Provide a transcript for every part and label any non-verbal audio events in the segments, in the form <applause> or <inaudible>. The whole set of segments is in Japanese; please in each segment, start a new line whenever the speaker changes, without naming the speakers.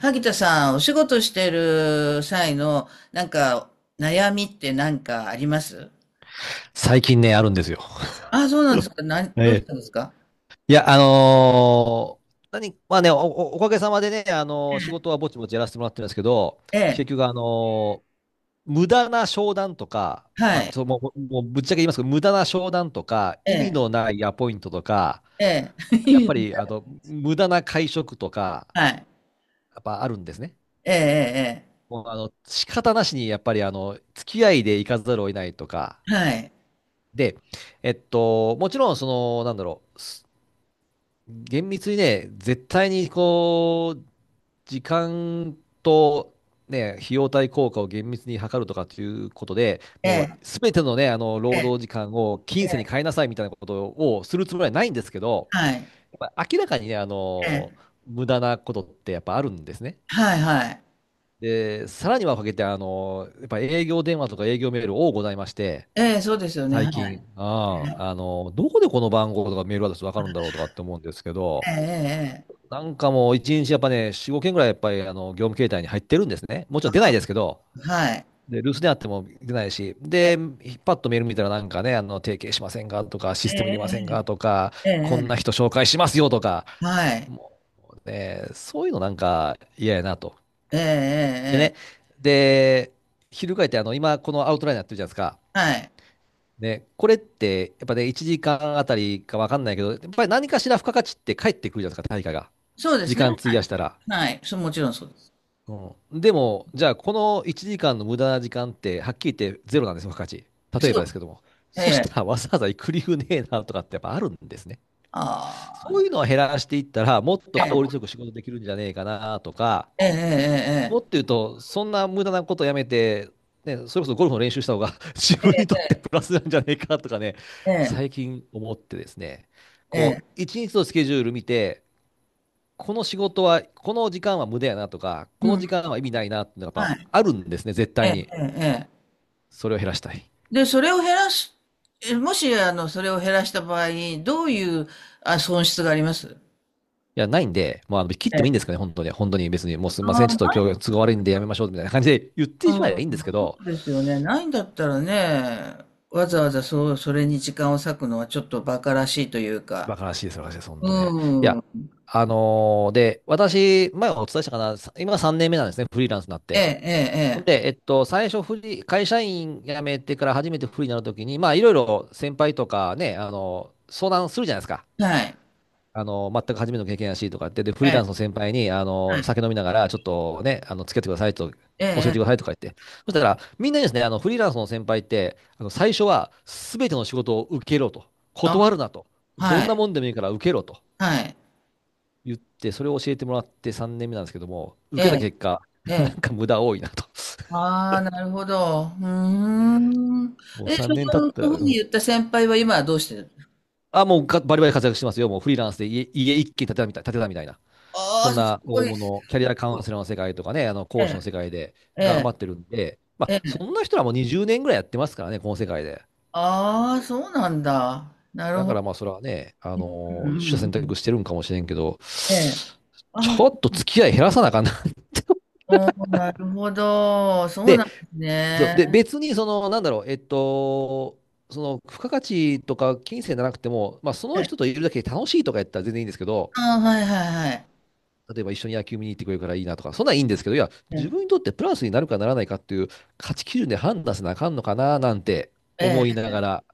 萩田さん、お仕事してる際の、なんか、悩みって何かあります？
最近ね、あるんですよ。
ああ、そうなんですか。どう
え
し
え。
たんですか？
いや、あのー何、まあね、お、おかげさまでね、仕事はぼちぼちやらせてもらってるんですけど、
ええ、
結局、無駄な商談とか、
はい、
もうぶっちゃけ言いますけど、無駄な商談とか、
え
意味の
え、
ないアポイントとか、
ええ、
やっぱり、
<laughs>
無駄な会食とか、
はい、
やっぱあるんですね。
ええ、
もう、仕方なしに、やっぱり、付き合いで行かざるを得ないとか、
ええ、はい、
で、もちろん、その、なんだろう、厳密にね、絶対にこう、時間と、ね、費用対効果を厳密に測るとかっていうことで、
え
もう
え、
すべてのね、あの
え
労働時間を
え、え
金銭に変え
え
なさいみたいなことをするつもりはないんですけど、
はい、
やっぱ明らかにね、あ
え
の、
え、
無駄なことってやっぱあるんですね。
はい、はい、
で、さらにはかけて、あの、やっぱ営業電話とか営業メール多ございまして、
ええ、そうですよね、
最
はい、
近、ああ、あの、どこでこの番号とかメールアドレスわかるんだろうとかって思うんですけ
え
ど、
え、ええ、ええ
なんかもう一日やっぱね、4、5件ぐらいやっぱりあの業務形態に入ってるんですね。もちろん出ないですけど、
はい、
で、留守であっても出ないし、
ええ、
で、パッとメール見たらなんかね、あの、提携しませんかとか、システム入れませんかとか、
ええ、
こん
え
な
え、
人紹介しますよとか、
はい、
もうね、そういうのなんか嫌やなと。
ええ、え
で
え、え
ね、
え
で、翻ってあの、今このアウトラインやってるじゃないですか。
はい、
ね、これってやっぱね、1時間あたりかわかんないけど、やっぱり何かしら付加価値って返ってくるじゃないですか、対価が。
そうです
時
ね、
間費
は
や
い、
したら。
はい、そう、もちろんそうです。
うん、でも、じゃあ、この1時間の無駄な時間って、はっきり言ってゼロなんですよ、付加価値。例え
そ
ば
う、
ですけども。
え
そした
え。
ら、わざわざ行く理由ねえなとかってやっぱあるんですね。
あ
そ
あ、
ういうのを減らしていったら、もっ
え
と
あえ、と、
効率よく仕事できるんじゃねえかなとか、
ええ
もっと言うと、そんな無駄なことやめて、ね、それこそゴルフの練習した方が <laughs> 自分にとってプラスなんじゃねえかとかね、
ええええ
最
ええ
近思ってですね、
ええ
こう、一日のスケジュール見て、この仕事は、この時間は無駄やなとか、こ
う
の
ん、
時間は意味ないなっていうのがやっ
は
ぱ
い、
あるんですね、絶
え
対
ええ
に。
えええ
それを減らしたい。い
で、それを減らす、えもし、あの、それを減らした場合、どういう、あ、損失があります？
や、ないんで、まあ、あの切っ
え
てもいいん
え、
ですかね、本当に。本当に別に、もうすみま
あ
せん、ちょ
あ、
っと
ない、
今日都合悪いんでやめましょうみたいな感じで言っ
う
てしまえばいいんです
ん、
け
そ
ど、
うですよね。ないんだったらね、わざわざそう、それに時間を割くのはちょっと馬鹿らしいというか、
バカらしいです、バカらしいです、本当ね。い
う
や、
ん、
あのーで、私、前お伝えしたかな、今3年目なんですね、フリーランスになっ
え
て。
え、
ほん
ええ、
で、最初フリー、会社員辞めてから初めてフリーになるときに、まあ、いろいろ先輩とかね、あの、相談するじゃないですか。
ええはい、
あの、全く初めての経験やしとかって、で、フ
え
リーランスの
え、
先輩に、あの、酒飲みながら、ちょっとね、あの、付き合ってくださいと、
え
教えてく
え、
だ
え
さい
え
とか言って。そしたら、みんなにですね、あの、フリーランスの先輩って、あの、最初は、すべての仕事を受けろと。
あ、
断るなと。ど
は
んな
い、
もんでもいいから受けろと
はい、
言って、それを教えてもらって3年目なんですけども、受けた
え
結果、
え、
<laughs> なん
ええ、
か無駄多いなと。
ああ、なるほど。うーん。
もう
え、そ
3年経っ
の、
た
そう
ら、う
いうふうに
ん。
言った先輩は今はどうしてる？
あ、もうバリバリ活躍してますよ。もうフリーランスで家一軒建てたみたいな。
あ
そん
あー、す
な
ご
大
い、す
物、キャリアカ
ご
ウ
い。
ンセラーの世界とかね、あの
え
講師
え、
の世界で
え
頑張
え、
ってるんで、ま
え
あ、
え。
そんな人らもにじゅう20年ぐらいやってますからね、この世界で。
ああ、そうなんだ。なる
だ
ほ
か
ど。
らまあ、それはね、
うんうん
取
う
捨選
ん。
択してるんかもしれんけど、
ええ。
ち
あ
ょ
あ、
っと付き合い減らさなあかんな。
そうなるほど。そうな
で、
んです
そう
ね。
で、別にその、なんだろう、その付加価値とか金銭じゃなくても、まあ、その
ええ
人といるだけで楽しいとかやったら全然いいんですけど、
ああ、はいはいはい。
例えば一緒に野球見に行ってくれるからいいなとか、そんなんいいんですけど、いや、
え
自分に
え、
とってプラスになるかならないかっていう価値基準で判断せなあかんのかななんて
え
思いな
え、
がら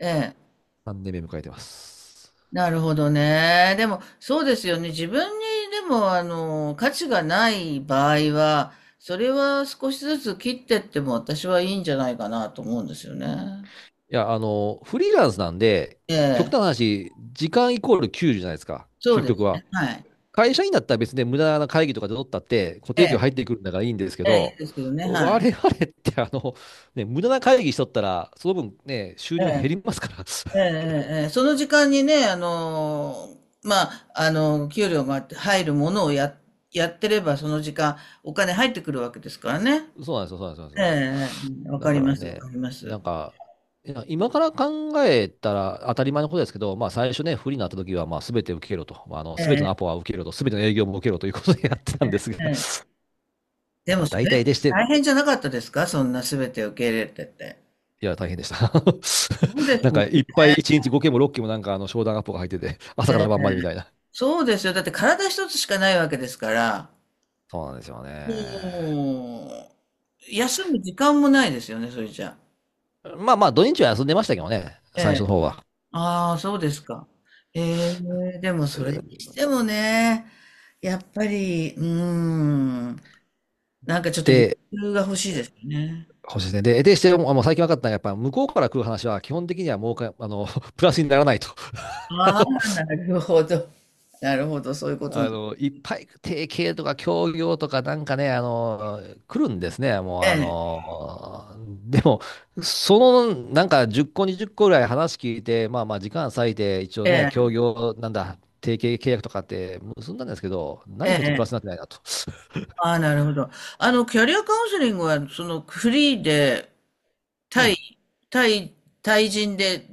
ええ。
3年目迎えてます。
なるほどね。でも、そうですよね。自分に、でも、あの、価値がない場合は、それは少しずつ切ってっても私はいいんじゃないかなと思うんですよね。
いや、あの、フリーランスなんで、
え
極端
え、
な話、時間イコール給料じゅうじゃないですか、
そう
究
で
極
す
は。
ね。はい。
会社員だったら別に無駄な会議とかで取ったって固
え
定給入っ
え、
てくるんだからいいんですけ
ええ、いい
ど、
ですけどね。は
我
い。
々ってあの、ね、無駄な会議しとったら、その分ね、収
え
入減
え、
りますから。
え
<laughs>
え、ええ、その時間にね、あの、まあ、あの、給料が入るものをや、やってれば、その時間、お金入ってくるわけですからね。
そうなんですよ、そうなんですよ、そう
え
なんで
え、え
す
え
よ。
わ
だ
か
か
りま
ら
す、わ
ね、
かりま
な
す。
んか、いや今から考えたら当たり前のことですけど、まあ最初ね、不利になった時は、まあ全て受けろと、まあ、あの
え
全てのア
え、
ポは受けろと、全ての営業も受けろということでやってたんです
え
が、
え。
<laughs>
でも
まあ
そ
大
れ、
体でして、
大変じゃなかったですか？そんな全て受け入れてて。
いや、大変でした。
そうで
<laughs> なん
すよ
かいっぱい1日5件も6件もなんかあの商談アポが入ってて、朝か
ね。
ら晩までみたいな。
そうですよ。だって体一つしかないわけですから、
そうなんですよね。
もう、休む時間もないですよね、それじゃ。
まあまあ土日は休んでましたけどね、
え
最初の
え。
方は。
ああ、そうですか。ええ、でもそれにしてもね、やっぱり、うーん、なんかちょっと余
で、
裕が欲しいですよね。
そうですね。でして、もうあの最近分かったのは、やっぱ向こうから来る話は、基本的にはもうか、あの、<laughs> プラスにならないと。<laughs> あ
あ
の、
あ、なるほど。<laughs> なるほど、そういうことなん
あ
です。
のいっぱい提携とか協業とかなんかね、あの、来るんですね。もう、あ
え
の、でも、その、なんか10個、20個ぐらい話聞いて、まあまあ、時間割いて、一応
え、
ね、協
え
業、なんだ、提携契約とかって結んだんですけど、
え、
何一
え
つプラスになっ
え。
てないなと。
ああ、なるほど。あの、キャリアカウンセリングは、その、フリーで、
う
対、
ん。
対、対人で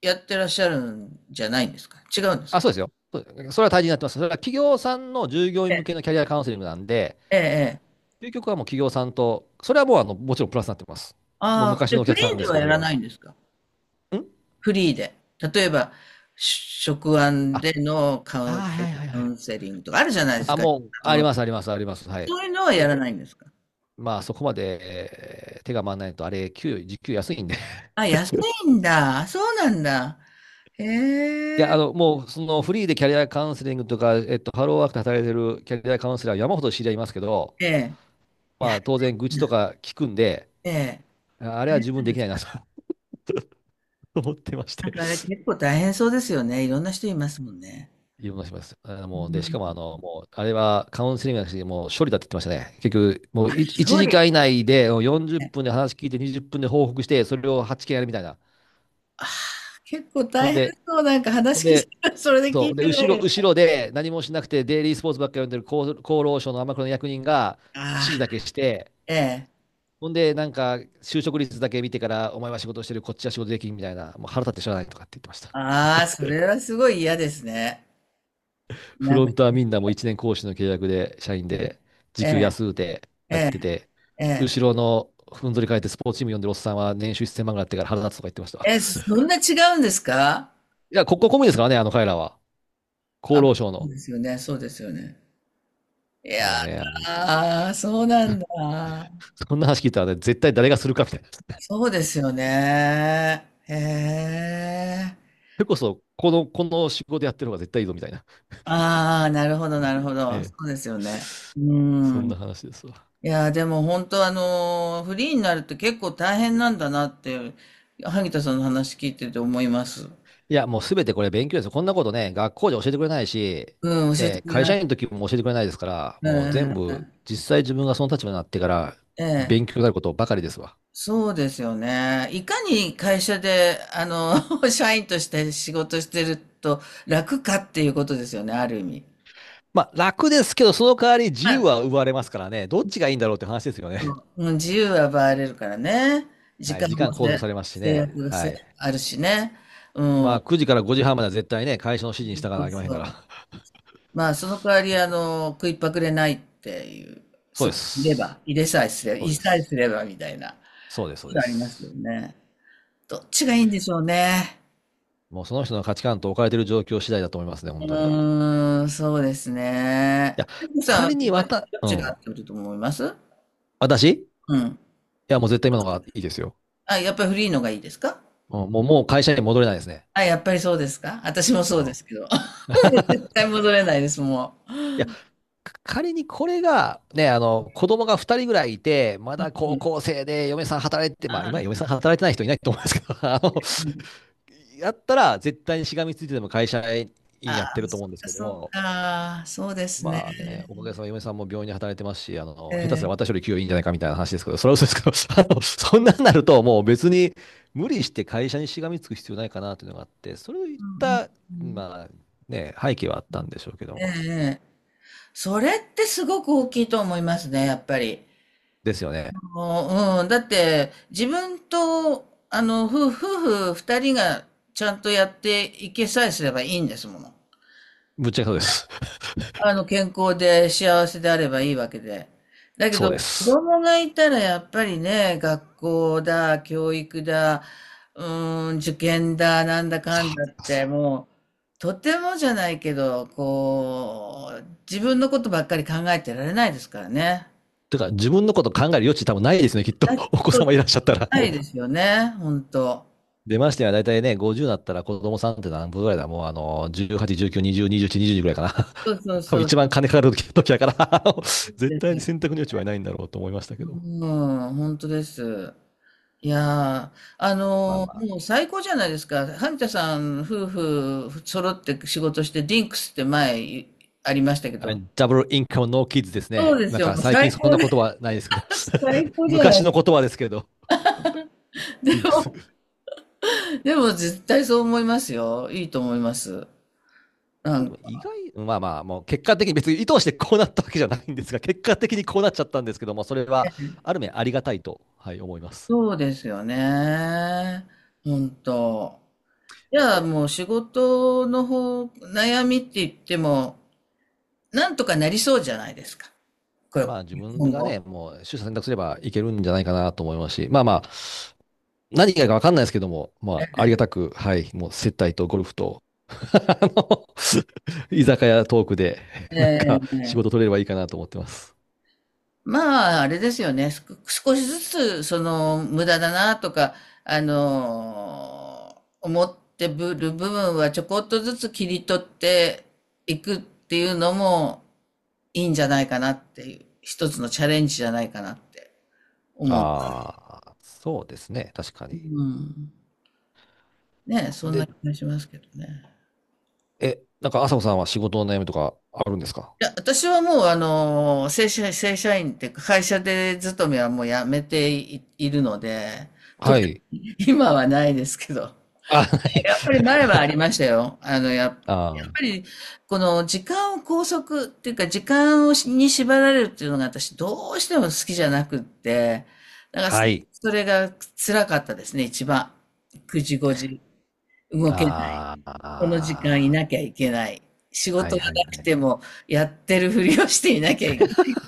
やってらっしゃるんじゃないんですか？違うんです
あ、
か？
そうですよ。そう、それは大事になってます。それは企業さんの従業
え
員向け
え、
のキャリアカウンセリングなんで、
ええ。ええ
究極はもう企業さんと、それはもうあのもちろんプラスになってます。もう
ああ、
昔
で、
のお
フ
客
リ
さん
ーで
です
は
けど、
や
それ
ら
は。
ないんですか？
ん。
フリーで。例えば、し職案
あ、
での
あー、
カウン
はいはい
カ
は
ウ
い。
ンセリングとかあるじゃないです
あ、
か。
もう、あります、あります、あります。はい。
そういうのはや
え、
らないんですか？
まあ、そこまで、手が回らないと、あれ、給与、時給安いんで。<laughs>
あ、安いんだ。そうなんだ。へ
いや、
え、
あの、もう、その、フリーでキャリアカウンセリングとか、ハローワークで働いてるキャリアカウンセラー、山ほど知り合いますけど、
ええ。いや、
まあ、当然、愚痴とか聞くんで、
ええ。
ああれは自分できないなと <laughs> 思ってまし
なん
て、
かあれ結構大変そうですよね。いろんな人いますもんね。
いろんなします。あの
う
もう、で、し
ん、
かも、あの、もう、あれはカウンセリングなしに、もう処理だって言ってましたね。結局、もう1
調理
時間以内で40
ね。
分で話聞いて、20分で報告して、それを8件やるみたいな。
ああ、結構
ほ
大
ん
変
で、
そう。なんか
ほん
話聞い
で、
てる、それで聞
そ
い
う、で、
てるだけで。
後ろで何もしなくて、デイリースポーツばっかり読んでる厚労省の天黒の役人が指
あ
示だけ
あ、
して、
ええ。
ほんで、なんか、就職率だけ見てから、お前は仕事してる、こっちは仕事できんみたいな、もう腹立ってしゃあないとかって言ってました。
ああ、それはすごい嫌ですね。
フ
なん
ロ
か、
ントはみんなもう1年講師の契約で、社員で、時
え
給
え、
安うて
え
やっ
え、
てて、
ええ。
後ろのふんぞり返ってスポーツチーム呼んでるおっさんは年収1000万ぐらいあってから腹立つとか言ってましたわ。
え、そ
<laughs>
んな違うんですか？
いや、国家公務員ですからね、あの彼らは。
あ、
厚
そ
労省
う
の。
ですよね、そうですよね。い
も
や
うね、
だ、あそうなんだ。
そんな話聞いたらね、絶対誰がするかみたいな。そ
そうですよね。へえ。
れこそ、この仕事やってる方が絶対いいぞみたいな。
ああ、なるほど、なるほど。そ
ね、
うですよね。う
そん
ん。い
な話ですわ。
やー、でも本当フリーになるって結構大変なんだなって、萩田さんの話聞いてて思います。
いや、もうすべてこれ勉強ですよ。こんなことね、学校で教えてくれないし、
うん、教えて
で、
くれ
会
な
社
い。
員の時も教えてくれないですから、
う
もう
ん
全
う
部、実際自分がその立場になってから
んえ
勉
え、
強になることばかりですわ。
そうですよね。いかに会社で、あの、<laughs> 社員として仕事してると楽かっていうことですよね、ある意味。
まあ、楽ですけど、その代わり自
ま
由
あ、
は奪われますからね、どっちがいいんだろうって話ですよ
そ
ね。
ううん、自由は奪われるからね。
<laughs>
時
はい、
間
時間
もせ
拘束されますし
制
ね。
約が
は
さ
い。
あるしね。う
ま
ん。
あ、9時から5時半までは絶対ね、会社の指示に従わ
そ
なきゃ
う
いけません
そ
から。
う。まあ、その代わり、あの、食いっぱくれないっていう、
そう
そ
で
こにいれば、
す。
入れさえすれば、
そ
入
う
れ
で
さえす
す。
ればみたいな、
そうです、そうで
そういうのありますよ
す。
ね。どっちがいいんでしょうね。
もうその人の価値観と置かれている状況次第だと思いますね、
う
本当に。い
ーん、そうですね。
や、
テクさんは
仮
自
にわ
分で
た、
どっ
う
ちが合
ん。
ってると思います？
私
うん。
いや、もう絶対今のがいいですよ。
あ、やっぱりフリーのがいいですか？
うん、もう会社に戻れないですね。
あ、やっぱりそうですか？私もそ
う
うで
ん。
すけど。<laughs> も
<laughs>
う絶対戻れないです、も
いや、仮にこれが、ね、あの、子供が2人ぐらいいて、ま
う。うん
だ
う
高
ん
校生で嫁さん働いて、
あ
まあ、今、
ー
嫁さん働いてない人いないと思いますけど、<laughs> あの、やったら、絶対にしがみついてでも会社員
あ
やって
ー、
ると思
そっ
うんです
か、
け
そっ
ど、
か、そうですね。
まあね、おかげさまで嫁さんも病院で働いてますし、あの、下手すら
ええ
私より給与いいんじゃないかみたいな話ですけど、それは嘘ですけど、<laughs> あの、そんなんなるともう別に無理して会社にしがみつく必要ないかなというのがあって、それを言っ
うんうん
た、
うん
まあね、背景はあったんでしょうけど
ええ
も。
ええ。それってすごく大きいと思いますね、やっぱり。
ですよね。
もう、うん、だって、自分と、あの、夫婦二人がちゃんとやっていけさえすればいいんですもの。
ぶっちゃけそうです。
あの、健康で幸せであればいいわけで。
<laughs>
だけ
そうで
ど、子
す。
供がいたらやっぱりね、学校だ、教育だ、うーん、受験だ、なんだ
そ
かんだっ
う。
て、もう、とてもじゃないけど、こう、自分のことばっかり考えてられないですからね。
てか、自分のこと考える余地多分ないですね、きっと。<laughs> お子
そ
様いらっしゃった
う
ら。
ないですよね、本当。
出ましてはだいたいね、50になったら子供さんって何分ぐらいだもうあの、18、19、20、21、22ぐらいかな。
そうそう
<laughs> 多
そ
分
う、
一番金かかる時だから
そう
<laughs> 絶
です
対
よ。
に選択の余地はいないんだろうと思いましたけど。
うん、本当です。いやー、あ
まあ
の、
まあ。
もう最高じゃないですか。萩田さん夫婦揃って仕事して、ディンクスって前いありましたけど。
ダブルインカムノーキッズです
そう
ね。
です
なん
よ、
か
もう
最近
最
そん
高
な
で
言葉ないですけど。
す。<laughs> 最
<laughs>
高じゃな
昔
い。
の言葉ですけど、
で
リンクス。
も、
ま
でも絶対そう思いますよ。いいと思います。な
あで
ん
も意
か、
外、まあまあ、もう結果的に別に意図してこうなったわけじゃないんですが、結果的にこうなっちゃったんですけども、それはある面ありがたいと、はい、思います。
そうですよね。本当。じゃあもう仕事の方、悩みって言っても、なんとかなりそうじゃないですか。これ、
まあ自分
今
が
後。
ね、もう取捨選択すればいけるんじゃないかなと思いますし、まあまあ、何がいいかわかんないですけども、まあありがたく、はい、もう接待とゴルフと、<laughs> あの <laughs> 居酒屋トークで、なんか仕
え
事
え
取れればいいかなと思ってます。
まあ、あれですよね。す少しずつ、その、無駄だなとか、思ってぶる部分はちょこっとずつ切り取っていくっていうのもいいんじゃないかなっていう、一つのチャレンジじゃないかなって思うんです。
ああ、そうですね、確か
う
に。
ん。ね、そんな
で、
気がしますけどね。
え、なんか朝子さんは仕事の悩みとかあるんですか？
いや、私はもう、正社、正社員っていうか、会社で勤めはもうやめてい、いるので、
は
特
い。
に今はないですけど。
あ、はい。
やっぱり前はありましたよ。あの、やっ、やっ
<laughs> あ
ぱ
ー、
り、この時間を拘束っていうか、時間をしに縛られるっていうのが私どうしても好きじゃなくって、だから
は
そ、
い。
それが辛かったですね、一番。9時、5時、動けない。
あ
この時間い
あ、
なきゃいけない。仕
は
事
い
が
はいは
なくて
い。
も、やってるふりをしていなきゃいけない。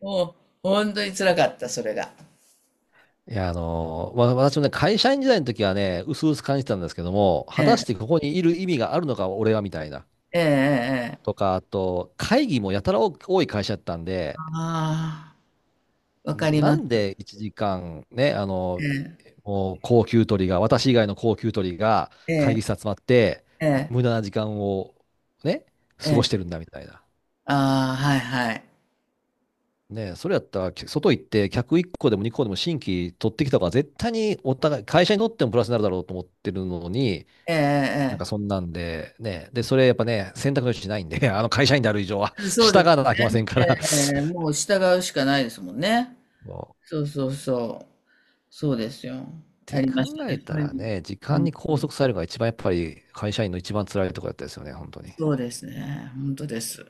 もう、本当に辛かった、それが。
いや、あのーまあ、私もね、会社員時代の時はね、うすうす感じてたんですけども、
え
果たして
え、
ここにいる意味があるのか、俺はみたいな。
ええ、ええ。え
と
え
か、あと、会議もやたら多い会社だったんで、
ああ、わかり
な
ます。
んで1時間ね、もう高給取りが、私以外の高給取りが
え
会
え、
議室集まって、
ええ、
無駄な時間をね、
え
過ごして
え。
るんだみたいな。
ああ、はいはい。
ね、それやったら、外行って客1個でも2個でも新規取ってきた方が絶対にお互い、会社にとってもプラスになるだろうと思ってるのに、
えええ
なん
え
か
ええ。
そんなんで、ね。で、それやっぱね、選択の余地ないんで、<laughs> あの会社員である以上は、
そうで
従
すね。
わなきゃいけませんか
え
ら。
ええ
そ
え、もう従うしかないですもんね。
う
そうそうそう。そうですよ。
っ
あ
て
りま
考
した
え
ね。そ
た
ういう
らね、時
の。う
間
ん
に拘束されるのが一番やっぱり会社員の一番辛いところだったですよね、本当に。
そうですね。本当です。